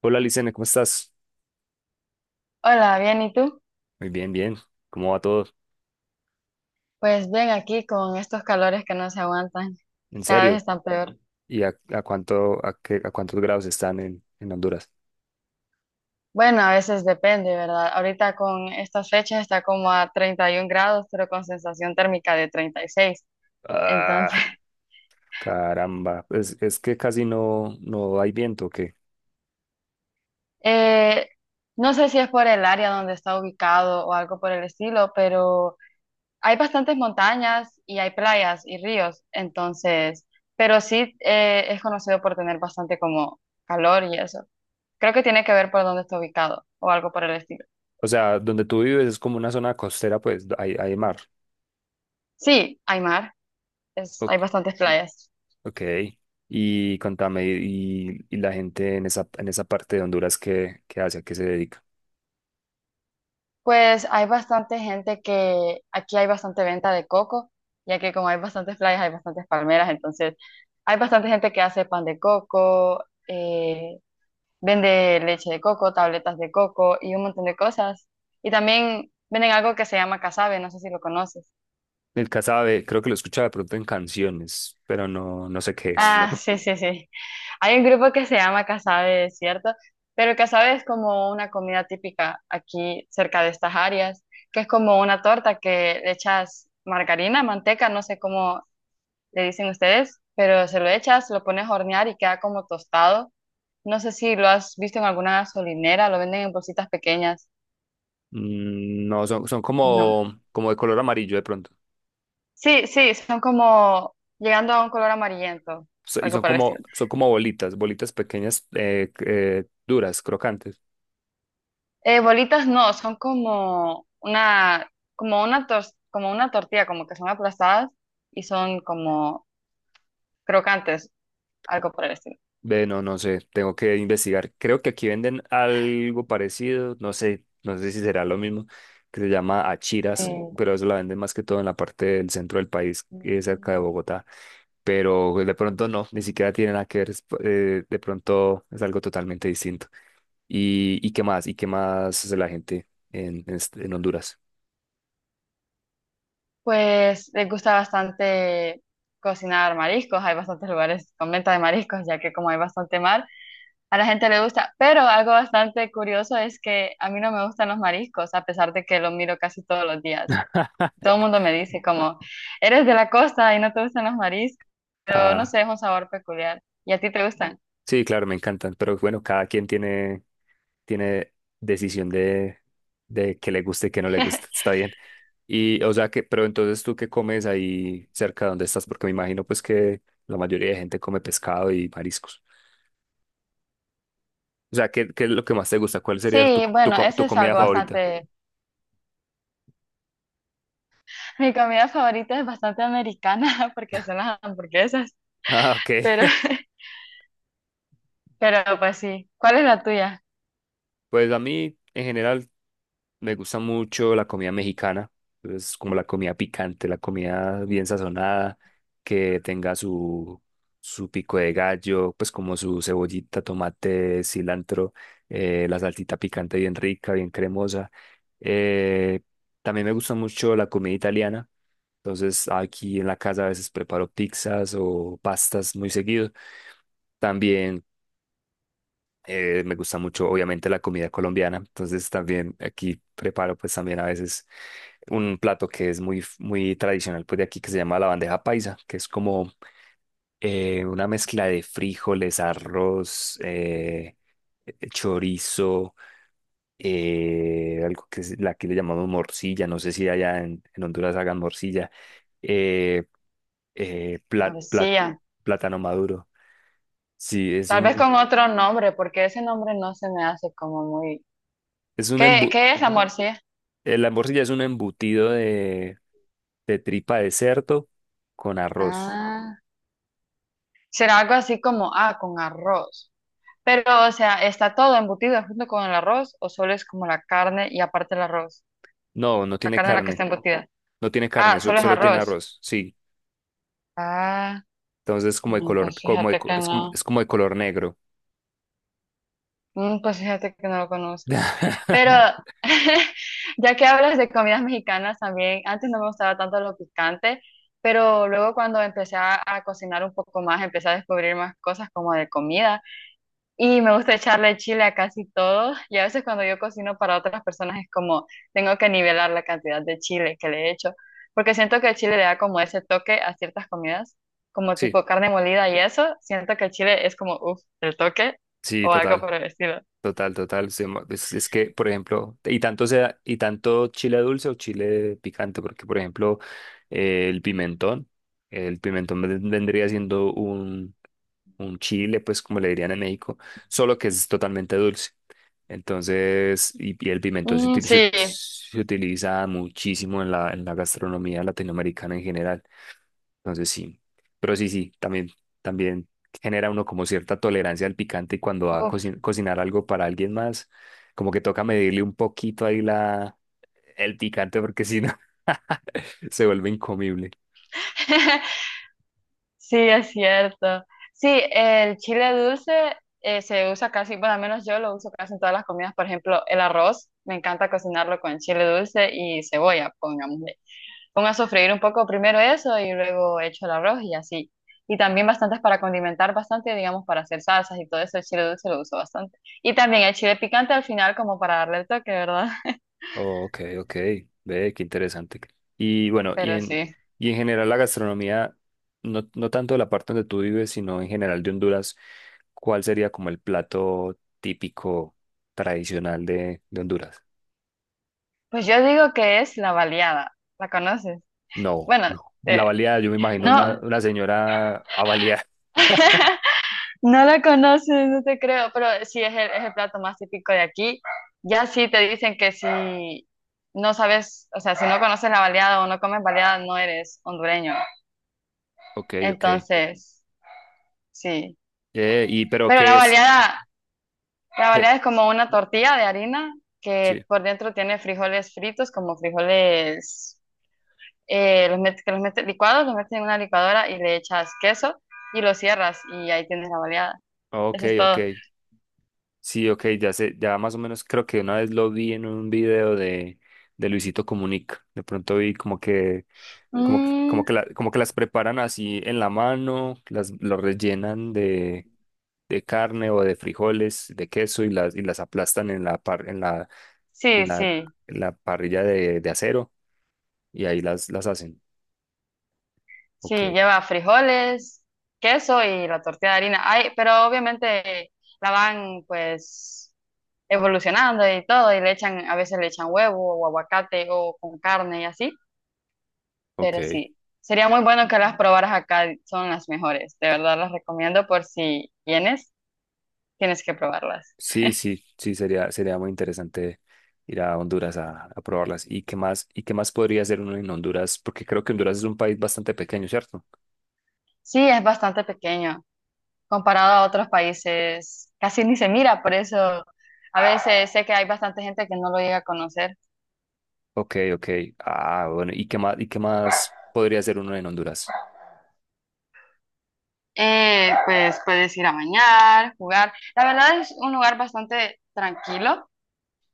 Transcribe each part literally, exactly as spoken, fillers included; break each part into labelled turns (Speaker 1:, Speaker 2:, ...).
Speaker 1: Hola, Licene, ¿cómo estás?
Speaker 2: Hola, bien, ¿y tú?
Speaker 1: Muy bien, bien. ¿Cómo va todo?
Speaker 2: Pues bien, aquí con estos calores que no se aguantan,
Speaker 1: ¿En
Speaker 2: cada vez
Speaker 1: serio?
Speaker 2: están peor.
Speaker 1: ¿Y a, a cuánto, a qué- a cuántos grados están en, en Honduras?
Speaker 2: Bueno, a veces depende, ¿verdad? Ahorita con estas fechas está como a treinta y un grados, pero con sensación térmica de treinta y seis. Entonces,
Speaker 1: Ah, caramba. Es, es que casi no, no hay viento, ¿o qué?
Speaker 2: eh, no sé si es por el área donde está ubicado o algo por el estilo, pero hay bastantes montañas y hay playas y ríos, entonces, pero sí eh, es conocido por tener bastante como calor y eso. Creo que tiene que ver por dónde está ubicado o algo por el estilo.
Speaker 1: O sea, donde tú vives es como una zona costera, pues hay, hay mar.
Speaker 2: Sí, hay mar, es, hay
Speaker 1: O-
Speaker 2: bastantes playas.
Speaker 1: ok. Y contame, y, y la gente en esa, en esa parte de Honduras, ¿qué, qué hace? ¿A qué se dedica?
Speaker 2: Pues hay bastante gente que aquí hay bastante venta de coco, ya que como hay bastantes playas, hay bastantes palmeras, entonces hay bastante gente que hace pan de coco, eh, vende leche de coco, tabletas de coco y un montón de cosas. Y también venden algo que se llama casabe, no sé si lo conoces.
Speaker 1: El casabe, creo que lo escuchaba de pronto en canciones, pero no, no sé qué es.
Speaker 2: Ah, sí, sí, sí. Hay un grupo que se llama Casabe, ¿cierto? Pero casabe es como una comida típica aquí cerca de estas áreas, que es como una torta que le echas margarina, manteca, no sé cómo le dicen ustedes, pero se lo echas, lo pones a hornear y queda como tostado. No sé si lo has visto en alguna gasolinera, lo venden en bolsitas pequeñas.
Speaker 1: Mm, No, son, son
Speaker 2: No.
Speaker 1: como, como de color amarillo de pronto.
Speaker 2: Sí, sí, son como llegando a un color amarillento,
Speaker 1: So- Y
Speaker 2: algo
Speaker 1: son
Speaker 2: por el estilo.
Speaker 1: como, son como bolitas, bolitas pequeñas, eh, eh, duras, crocantes.
Speaker 2: Eh, bolitas no, son como una, como una tos- como una tortilla, como que son aplastadas y son como crocantes, algo por el estilo.
Speaker 1: Ve, no, no sé, tengo que investigar. Creo que aquí venden algo parecido, no sé, no sé si será lo mismo, que se llama achiras,
Speaker 2: Mm.
Speaker 1: pero eso la venden más que todo en la parte del centro del país, eh, cerca de
Speaker 2: Mm.
Speaker 1: Bogotá. Pero pues, de pronto no, ni siquiera tiene nada que ver, es, eh, de pronto es algo totalmente distinto. ¿Y, y qué más? ¿Y qué más hace la gente en, en este- en Honduras?
Speaker 2: Pues les gusta bastante cocinar mariscos, hay bastantes lugares con venta de mariscos, ya que como hay bastante mar, a la gente le gusta, pero algo bastante curioso es que a mí no me gustan los mariscos, a pesar de que los miro casi todos los días. Todo el mundo me dice como, eres de la costa y no te gustan los no
Speaker 1: Ah,
Speaker 2: sé, es un sabor peculiar. ¿Y a ti te gustan?
Speaker 1: sí, claro, me encantan, pero bueno, cada quien tiene. Tiene decisión de, de que le guste y que no le gusta. Está bien. Y, o sea que, pero entonces tú qué comes ahí cerca de donde estás, porque me imagino pues que la mayoría de gente come pescado y mariscos. O sea, ¿qué, qué es lo que más te gusta? ¿Cuál sería tu,
Speaker 2: Sí,
Speaker 1: tu,
Speaker 2: bueno,
Speaker 1: co-
Speaker 2: eso
Speaker 1: tu
Speaker 2: es
Speaker 1: comida
Speaker 2: algo
Speaker 1: favorita?
Speaker 2: bastante... Mi comida favorita es bastante americana porque son las hamburguesas,
Speaker 1: Ah, ok.
Speaker 2: pero, pero pues sí. ¿Cuál es la tuya?
Speaker 1: Pues a mí, en general, me gusta mucho la comida mexicana, es como la comida picante, la comida bien sazonada, que tenga su, su pico de gallo, pues como su cebollita, tomate, cilantro, eh, la salsita picante bien rica, bien cremosa. Eh, También me gusta mucho la comida italiana, entonces aquí en la casa a veces preparo pizzas o pastas muy seguido. También eh, me gusta mucho, obviamente, la comida colombiana. Entonces también aquí preparo pues también a veces un plato que es muy, muy tradicional pues de aquí que se llama la bandeja paisa, que es como eh, una mezcla de frijoles, arroz, eh, eh, chorizo, eh, algo que es- la- aquí le llamamos morcilla. No sé si allá en, en Honduras hagan morcilla. Eh, eh, pla- pla-
Speaker 2: Morcilla.
Speaker 1: Plátano maduro. Sí, es
Speaker 2: Tal vez
Speaker 1: un,
Speaker 2: con otro nombre, porque ese nombre no se me hace como muy...
Speaker 1: es un
Speaker 2: ¿Qué,
Speaker 1: embu-
Speaker 2: qué es la morcilla?
Speaker 1: eh, la morcilla es un embutido de, de tripa de cerdo con arroz.
Speaker 2: Ah, será algo así como, ah, con arroz. Pero, o sea, ¿está todo embutido junto con el arroz o solo es como la carne y aparte el arroz?
Speaker 1: No, no
Speaker 2: La
Speaker 1: tiene
Speaker 2: carne en la que
Speaker 1: carne.
Speaker 2: está embutida.
Speaker 1: No tiene carne,
Speaker 2: Ah,
Speaker 1: so-
Speaker 2: solo es
Speaker 1: solo tiene
Speaker 2: arroz.
Speaker 1: arroz. Sí.
Speaker 2: Ah.
Speaker 1: Entonces como de
Speaker 2: No,
Speaker 1: color,
Speaker 2: pues
Speaker 1: como de
Speaker 2: fíjate
Speaker 1: co-
Speaker 2: que
Speaker 1: es como,
Speaker 2: no.
Speaker 1: es como de color negro.
Speaker 2: Mm, pues fíjate que no lo conozco. Pero ya que hablas de comidas mexicanas también, antes no me gustaba tanto lo picante, pero luego cuando empecé a, a cocinar un poco más, empecé a descubrir más cosas como de comida. Y me gusta echarle chile a casi todo. Y a veces cuando yo cocino para otras personas es como tengo que nivelar la cantidad de chile que le echo. Porque siento que el chile le da como ese toque a ciertas comidas, como
Speaker 1: Sí,
Speaker 2: tipo carne molida y eso. Siento que el chile es como, uff, el toque
Speaker 1: sí,
Speaker 2: o algo
Speaker 1: total.
Speaker 2: por el estilo.
Speaker 1: Total, total. se mo- Es, es que, por ejemplo, y tanto sea, y tanto chile dulce o chile picante, porque, por ejemplo, eh, el pimentón, el pimentón ven- vendría siendo un, un chile, pues como le dirían en México, solo que es totalmente dulce. Entonces, y, y el pimentón se
Speaker 2: Mm,
Speaker 1: utiliza,
Speaker 2: sí,
Speaker 1: se utiliza muchísimo en la, en la gastronomía latinoamericana en general. Entonces, sí. Pero sí, sí, también, también genera uno como cierta tolerancia al picante y cuando va a
Speaker 2: uff.
Speaker 1: coci- cocinar algo para alguien más, como que toca medirle un poquito ahí la, el picante porque si no, se vuelve incomible.
Speaker 2: Sí, es cierto. Sí, el chile dulce eh, se usa casi, bueno, al menos yo lo uso casi en todas las comidas. Por ejemplo, el arroz, me encanta cocinarlo con chile dulce y cebolla, pongamos. Pongo a sofreír un poco primero eso y luego echo el arroz y así. Y también bastantes para condimentar bastante, digamos, para hacer salsas y todo eso. El chile dulce lo uso bastante. Y también el chile picante al final como para darle el toque, ¿verdad?
Speaker 1: Oh, ok, ok. Ve, qué interesante. Y bueno, y
Speaker 2: Pero
Speaker 1: en,
Speaker 2: sí.
Speaker 1: y en general la gastronomía, no, no tanto de la parte donde tú vives, sino en general de Honduras, ¿cuál sería como el plato típico tradicional de, de Honduras?
Speaker 2: Pues yo digo que es la baleada. ¿La conoces?
Speaker 1: No,
Speaker 2: Bueno,
Speaker 1: no. La
Speaker 2: eh,
Speaker 1: baleada, yo me imagino
Speaker 2: no,
Speaker 1: una,
Speaker 2: no,
Speaker 1: una señora a balear.
Speaker 2: no la conoces, no te creo, pero sí es el, es el plato más típico de aquí. Ya sí te dicen que si no sabes, o sea, si no conoces la baleada o no comes baleada, no eres hondureño.
Speaker 1: Ok, ok.
Speaker 2: Entonces, sí,
Speaker 1: Eh, y pero
Speaker 2: pero la
Speaker 1: ¿qué es?
Speaker 2: baleada, la
Speaker 1: Eh,
Speaker 2: baleada es como una tortilla de harina
Speaker 1: sí.
Speaker 2: que por dentro tiene frijoles fritos, como frijoles eh, los metes, que los metes licuados, los metes en una licuadora y le echas queso y lo cierras y ahí tienes la baleada.
Speaker 1: Ok,
Speaker 2: Eso es
Speaker 1: ok.
Speaker 2: todo.
Speaker 1: Sí, ok, ya sé, ya más o menos creo que una vez lo vi en un video de, de Luisito Comunica. De pronto vi como que, como que,
Speaker 2: Mm,
Speaker 1: como que, la- como que las preparan así en la mano, las lo rellenan de, de carne o de frijoles, de queso y las, y las aplastan en la par- en la,
Speaker 2: sí,
Speaker 1: en la,
Speaker 2: sí,
Speaker 1: en la parrilla de, de acero y ahí las, las hacen.
Speaker 2: sí,
Speaker 1: Ok,
Speaker 2: lleva frijoles, queso y la tortilla de harina. Ay, pero obviamente la van pues evolucionando y todo y le echan, a veces le echan huevo o aguacate o con carne y así. Pero
Speaker 1: ok.
Speaker 2: sí, sería muy bueno que las probaras acá, son las mejores. De verdad las recomiendo por si vienes, tienes que probarlas.
Speaker 1: Sí, sí, sí, sería, sería muy interesante ir a Honduras a, a probarlas. ¿Y qué más, y qué más podría hacer uno en Honduras? Porque creo que Honduras es un país bastante pequeño, ¿cierto?
Speaker 2: Sí, es bastante pequeño comparado a otros países, casi ni se mira, por eso a veces sé que hay bastante gente que no lo llega a conocer.
Speaker 1: Ok, ok. Ah, bueno, ¿y qué más, y qué más podría hacer uno en Honduras?
Speaker 2: Eh, pues puedes ir a bañar, jugar. La verdad es un lugar bastante tranquilo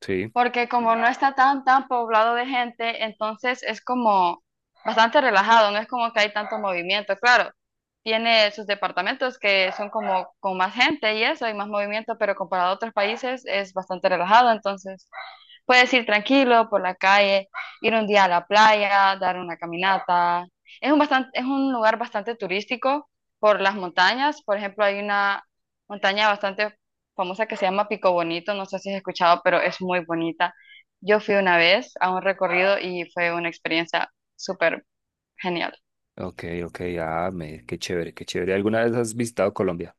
Speaker 1: Sí,
Speaker 2: porque como no está tan, tan poblado de gente, entonces es como bastante relajado, no es como que hay tanto movimiento, claro. Tiene sus departamentos que son como con más gente y eso, y más movimiento, pero comparado a otros países es bastante relajado, entonces. Puedes ir tranquilo por la calle, ir un día a la playa, dar una caminata. Es un bastante, es un lugar bastante turístico por las montañas. Por ejemplo, hay una montaña bastante famosa que se llama Pico Bonito. No sé si has escuchado, pero es muy bonita. Yo fui una vez a un recorrido y fue una experiencia súper genial.
Speaker 1: ok, ok. Ah, me, qué chévere, qué chévere. ¿Alguna vez has visitado Colombia?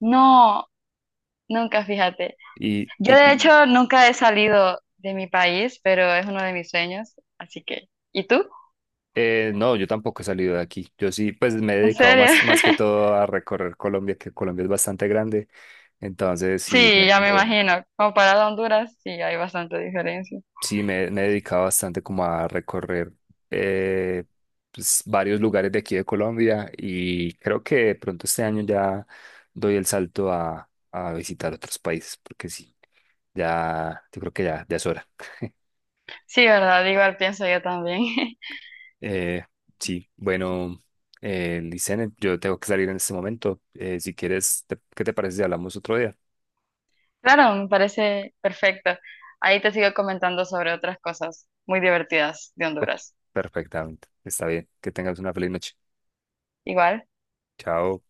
Speaker 2: No, nunca, fíjate.
Speaker 1: Y,
Speaker 2: Yo
Speaker 1: y,
Speaker 2: de
Speaker 1: y
Speaker 2: hecho nunca he salido de mi país, pero es uno de mis sueños. Así que, ¿y tú?
Speaker 1: eh, no, yo tampoco he salido de aquí. Yo sí, pues me he
Speaker 2: ¿En
Speaker 1: dedicado
Speaker 2: serio?
Speaker 1: más, más que todo a recorrer Colombia, que Colombia es bastante grande. Entonces, sí, me,
Speaker 2: Sí, ya me
Speaker 1: me-
Speaker 2: imagino. Comparado a Honduras, sí, hay bastante diferencia.
Speaker 1: sí, me, me he dedicado bastante como a recorrer eh, pues, varios lugares de aquí de Colombia y creo que de pronto este año ya doy el salto a, a visitar otros países, porque sí, ya, yo creo que ya, ya es hora.
Speaker 2: Sí, verdad, igual pienso yo también.
Speaker 1: Eh, sí, bueno, eh, Licene, yo tengo que salir en este momento. Eh, si quieres, te- ¿qué te parece si hablamos otro día?
Speaker 2: Claro, me parece perfecto. Ahí te sigo comentando sobre otras cosas muy divertidas de
Speaker 1: Ok,
Speaker 2: Honduras.
Speaker 1: perfectamente, está bien. Que tengas una feliz noche.
Speaker 2: Igual.
Speaker 1: Chao.